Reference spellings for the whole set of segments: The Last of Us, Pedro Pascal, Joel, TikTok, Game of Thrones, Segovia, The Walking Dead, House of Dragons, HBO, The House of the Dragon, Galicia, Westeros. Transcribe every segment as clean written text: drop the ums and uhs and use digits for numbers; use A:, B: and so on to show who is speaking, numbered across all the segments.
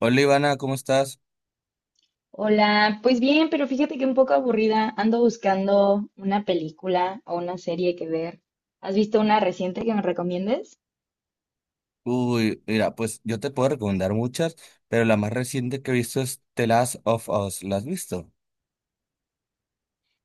A: Hola Ivana, ¿cómo estás?
B: Hola, pues bien, pero fíjate que un poco aburrida. Ando buscando una película o una serie que ver. ¿Has visto una reciente que me recomiendes?
A: Uy, mira, pues yo te puedo recomendar muchas, pero la más reciente que he visto es The Last of Us. ¿La has visto?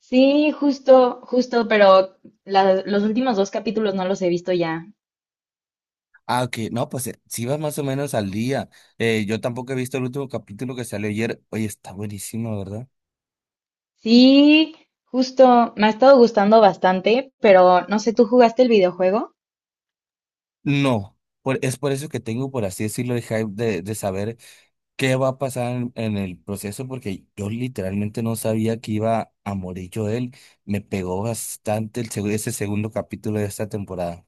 B: Sí, justo, justo, pero los últimos dos capítulos no los he visto ya.
A: Ah, ok, no, pues sí vas más o menos al día. Yo tampoco he visto el último capítulo que salió ayer. Oye, está buenísimo, ¿verdad?
B: Sí, justo, me ha estado gustando bastante, pero no sé, ¿tú jugaste el videojuego?
A: No, es por eso que tengo, por así decirlo, el hype de saber qué va a pasar en el proceso, porque yo literalmente no sabía que iba a morir yo él. Me pegó bastante ese segundo capítulo de esta temporada.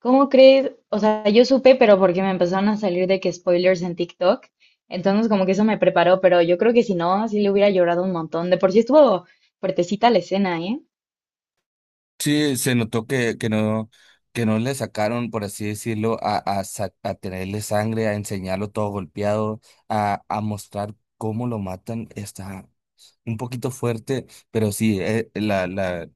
B: ¿Cómo crees? O sea, yo supe, pero porque me empezaron a salir de que spoilers en TikTok. Entonces, como que eso me preparó, pero yo creo que si no, sí le hubiera llorado un montón. De por sí estuvo fuertecita la escena, ¿eh?
A: Sí, se notó que no le sacaron, por así decirlo, a tenerle sangre, a enseñarlo todo golpeado, a mostrar cómo lo matan. Está un poquito fuerte, pero sí,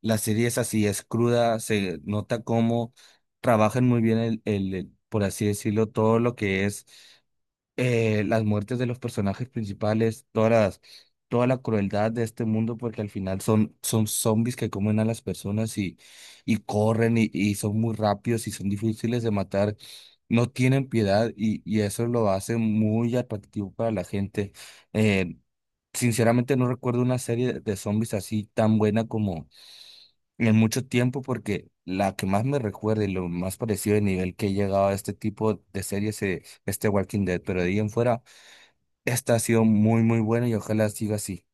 A: la serie es así, es cruda, se nota cómo trabajan muy bien por así decirlo, todo lo que es las muertes de los personajes principales, toda la crueldad de este mundo, porque al final son zombies que comen a las personas y corren y son muy rápidos y son difíciles de matar, no tienen piedad y eso lo hace muy atractivo para la gente. Eh, Sinceramente no recuerdo una serie de zombies así tan buena como en mucho tiempo porque la que más me recuerda y lo más parecido de nivel que he llegado a este tipo de series es este Walking Dead, pero de ahí en fuera esta ha sido muy, muy buena y ojalá siga así.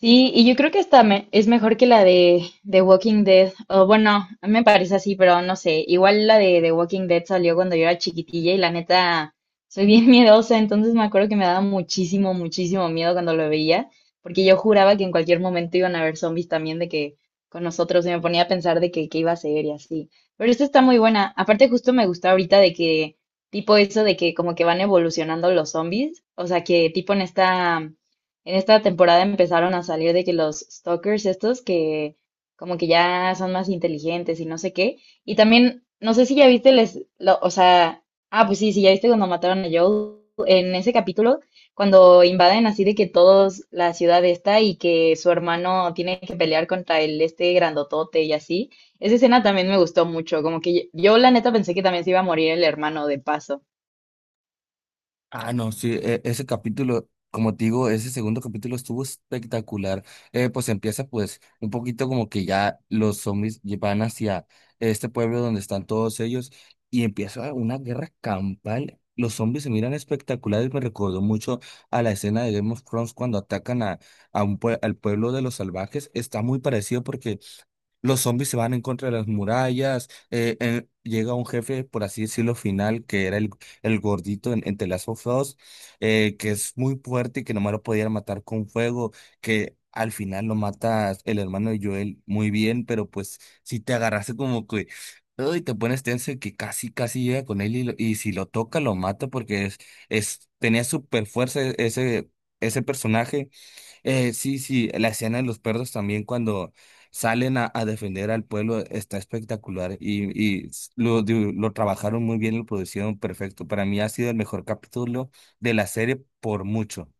B: Sí, y yo creo que esta es mejor que la de The Walking Dead. O bueno, a mí me parece así, pero no sé. Igual la de The Walking Dead salió cuando yo era chiquitilla y la neta soy bien miedosa, entonces me acuerdo que me daba muchísimo, muchísimo miedo cuando lo veía, porque yo juraba que en cualquier momento iban a haber zombies también de que con nosotros y me ponía a pensar de que qué iba a ser y así. Pero esta está muy buena. Aparte justo me gusta ahorita de que tipo eso de que como que van evolucionando los zombies, o sea, que tipo en esta temporada empezaron a salir de que los stalkers estos que como que ya son más inteligentes y no sé qué. Y también, no sé si ya viste les, o sea, ah, pues sí, sí, ya viste cuando mataron a Joel en ese capítulo, cuando invaden así de que todos la ciudad está y que su hermano tiene que pelear contra el este grandotote y así. Esa escena también me gustó mucho, como que yo, la neta pensé que también se iba a morir el hermano de paso.
A: Ah, no, sí, ese capítulo, como te digo, ese segundo capítulo estuvo espectacular. Pues empieza pues un poquito como que ya los zombies van hacia este pueblo donde están todos ellos y empieza una guerra campal. Los zombies se miran espectaculares, me recordó mucho a la escena de Game of Thrones cuando atacan a un al pueblo de los salvajes. Está muy parecido porque los zombies se van en contra de las murallas. Llega un jefe, por así decirlo, final, que era el gordito en The Last of Us, que es muy fuerte y que nomás lo podían matar con fuego, que al final lo mata el hermano de Joel muy bien, pero pues si te agarraste como que... Y te pones tenso de que casi llega con él y, y si lo toca, lo mata porque tenía super fuerza ese personaje. Sí, sí, la escena de los perros también cuando salen a defender al pueblo está espectacular y, lo trabajaron muy bien, lo producieron perfecto. Para mí ha sido el mejor capítulo de la serie por mucho.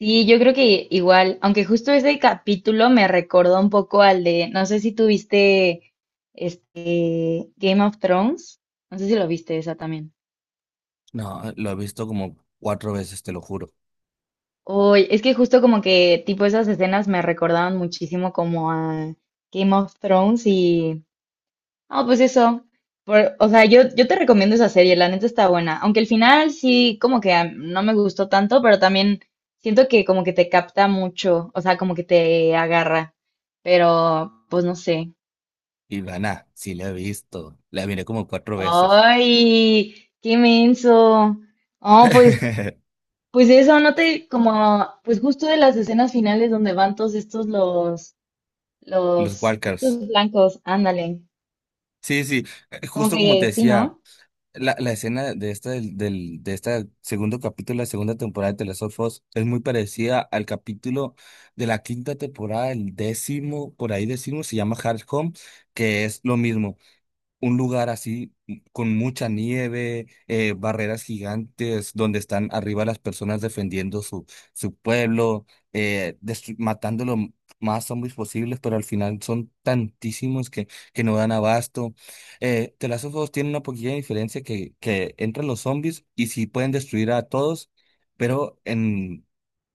B: Sí, yo creo que igual, aunque justo ese capítulo me recordó un poco al de, no sé si tuviste este Game of Thrones, no sé si lo viste esa también.
A: No, lo he visto como cuatro veces, te lo juro.
B: Oye, es que justo como que tipo esas escenas me recordaban muchísimo como a Game of Thrones y ah, pues eso. O sea, yo te recomiendo esa serie, la neta está buena. Aunque el final sí, como que ah, no me gustó tanto, pero también siento que como que te capta mucho, o sea, como que te agarra. Pero, pues no sé.
A: Y Ivana, sí la he visto, la miré como cuatro veces.
B: ¡Ay! ¡Qué inmenso! Oh, pues, pues eso, no te, como, pues justo de las escenas finales donde van todos estos
A: Los
B: los,
A: Walkers.
B: estos blancos, ándale.
A: Sí, sí,
B: Como
A: justo como te
B: que sí,
A: decía.
B: ¿no?
A: La escena de esta de este segundo capítulo de la segunda temporada de The Last of Us es muy parecida al capítulo de la quinta temporada, el décimo, por ahí décimo se llama Hard Home, que es lo mismo un lugar así con mucha nieve, barreras gigantes donde están arriba las personas defendiendo su pueblo, matando más zombies posibles, pero al final son tantísimos que no dan abasto. The Last of Us tiene una poquilla diferencia que entran los zombies y sí pueden destruir a todos, pero en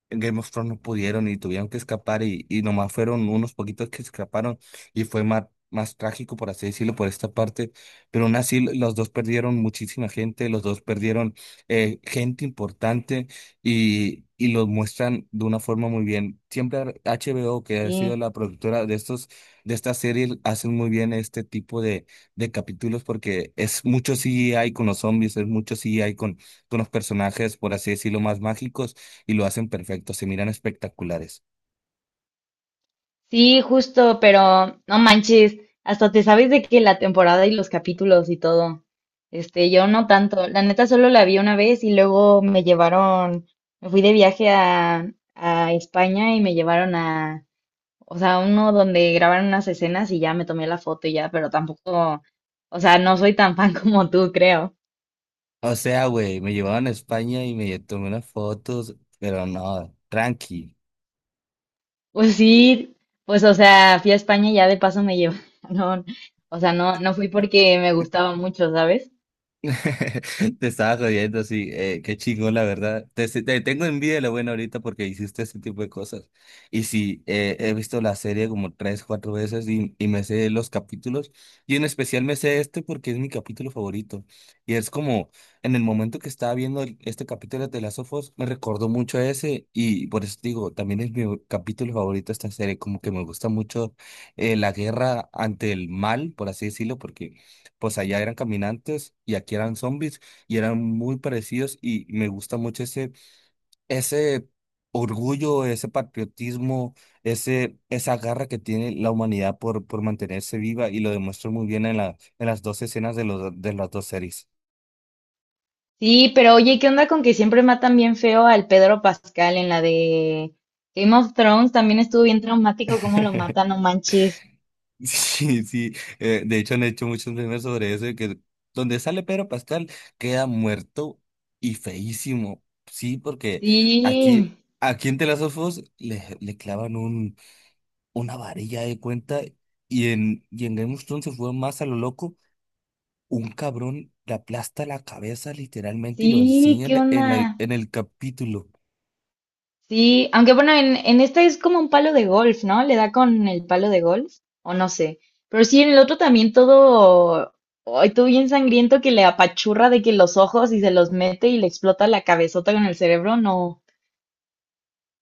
A: en Game of Thrones no pudieron y tuvieron que escapar y nomás fueron unos poquitos que escaparon y fue más, más trágico, por así decirlo, por esta parte, pero aún así los dos perdieron muchísima gente, los dos perdieron gente importante y los muestran de una forma muy bien. Siempre HBO, que ha
B: Sí.
A: sido la productora de estos, de esta serie, hacen muy bien este tipo de capítulos porque es mucho CGI con los zombies, es mucho CGI con los personajes, por así decirlo, más mágicos y lo hacen perfecto, se miran espectaculares.
B: Sí, justo, pero no manches, hasta te sabes de que la temporada y los capítulos y todo. Este, yo no tanto. La neta solo la vi una vez y luego me llevaron, me fui de viaje a España y me llevaron a, o sea, uno donde grabaron unas escenas y ya me tomé la foto y ya, pero tampoco, o sea, no soy tan fan como tú, creo.
A: O sea, güey, me llevaban a España y me tomé unas fotos, pero no, tranqui.
B: Pues sí, pues o sea, fui a España y ya de paso me llevaron. O sea, no, no fui porque me gustaba mucho, ¿sabes?
A: Te estaba jodiendo, sí, qué chingón, la verdad. Te tengo envidia de lo bueno ahorita porque hiciste ese tipo de cosas. Y sí, he visto la serie como tres, cuatro veces y me sé los capítulos. Y en especial me sé este porque es mi capítulo favorito. Y es como, en el momento que estaba viendo este capítulo de las ofos me recordó mucho a ese. Y por eso te digo, también es mi capítulo favorito de esta serie. Como que me gusta mucho la guerra ante el mal, por así decirlo, porque pues allá eran caminantes y aquí eran zombies y eran muy parecidos y me gusta mucho ese orgullo, ese patriotismo, esa garra que tiene la humanidad por mantenerse viva y lo demuestra muy bien en en las dos escenas de de las dos series.
B: Sí, pero oye, ¿qué onda con que siempre matan bien feo al Pedro Pascal en la de Game of Thrones? También estuvo bien traumático cómo lo matan, no manches.
A: Sí, sí, de hecho han hecho muchos memes sobre eso, de que donde sale Pedro Pascal queda muerto y feísimo, sí, porque aquí,
B: Sí,
A: aquí en The Last of Us le clavan una varilla de cuenta y en Game of Thrones se fue más a lo loco. Un cabrón le aplasta la cabeza literalmente y lo
B: sí, ¿qué
A: enseñan
B: onda?
A: en el capítulo.
B: Sí, aunque bueno, en este es como un palo de golf, ¿no? Le da con el palo de golf, o no sé. Pero sí, en el otro también todo, ay, todo bien sangriento que le apachurra de que los ojos y se los mete y le explota la cabezota con el cerebro, no,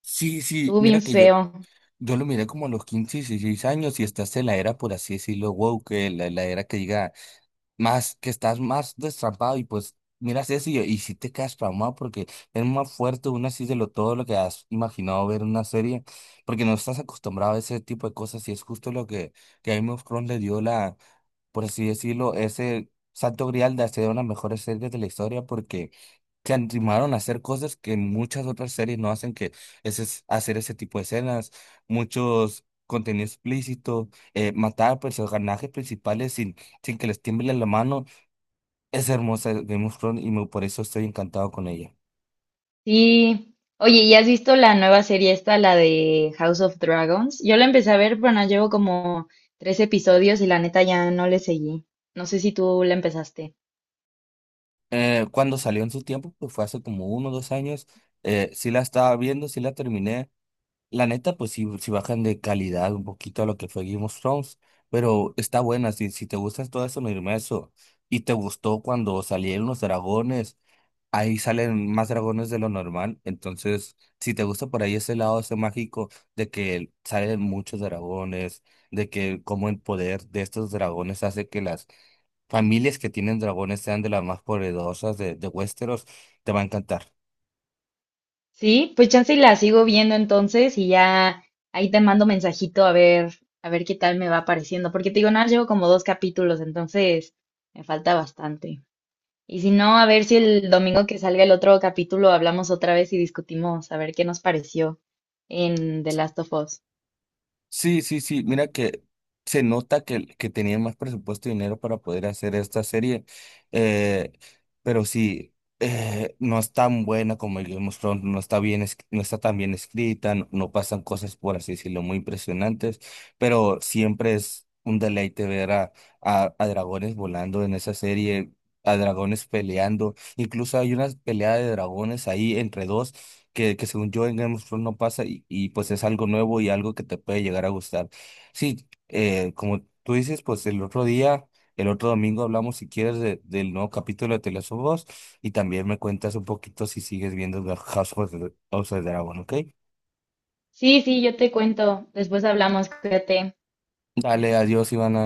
A: Sí, sí,
B: estuvo
A: mira
B: bien
A: que yo,
B: feo.
A: yo lo miré como a los 15 16 años y estás en la era, por así decirlo, wow, la era que diga más que estás más destrampado y pues miras eso y sí te quedas traumado porque es más fuerte una así de lo todo lo que has imaginado ver en una serie porque no estás acostumbrado a ese tipo de cosas y es justo lo que a Game of Thrones le dio la, por así decirlo, ese santo grial de hacer una mejor serie de la historia porque se animaron a hacer cosas que muchas otras series no hacen que es hacer ese tipo de escenas, muchos contenido explícito, matar a personajes principales sin que les tiemble la mano es hermosa Game of Thrones y por eso estoy encantado con ella.
B: Sí. Oye, ¿y has visto la nueva serie esta, la de House of Dragons? Yo la empecé a ver, pero no llevo como tres episodios y la neta ya no le seguí. No sé si tú la empezaste.
A: Cuando salió en su tiempo, pues fue hace como uno o dos años, sí la estaba viendo, sí la terminé. La neta, pues sí, sí bajan de calidad un poquito a lo que fue Game of Thrones, pero está buena. Si te gustas todo eso, no irme a eso. Y te gustó cuando salieron los dragones, ahí salen más dragones de lo normal. Entonces, si te gusta por ahí ese lado, ese mágico de que salen muchos dragones de que como el poder de estos dragones hace que las familias que tienen dragones sean de las más poderosas de Westeros, te va a encantar.
B: Sí, pues chance y la sigo viendo entonces y ya ahí te mando mensajito a ver qué tal me va pareciendo. Porque te digo, no, llevo como dos capítulos, entonces me falta bastante. Y si no, a ver si el domingo que salga el otro capítulo hablamos otra vez y discutimos a ver qué nos pareció en The Last of Us.
A: Sí, sí, sí, mira que se nota que tenían más presupuesto y dinero para poder hacer esta serie, eh, pero sí, no es tan buena como el Game of Thrones, no está bien, no está tan bien escrita, no, no pasan cosas, por así decirlo, muy impresionantes, pero siempre es un deleite ver a dragones volando en esa serie, a dragones peleando, incluso hay una pelea de dragones ahí entre dos que según yo en Game of Thrones no pasa y pues es algo nuevo y algo que te puede llegar a gustar. Sí, como tú dices, pues el otro día, el otro domingo hablamos si quieres del nuevo capítulo de The Last of Us y también me cuentas un poquito si sigues viendo The House of the Dragon, ¿ok?
B: Sí, sí, yo te cuento. Después hablamos, cuídate.
A: Dale, adiós, Ivana.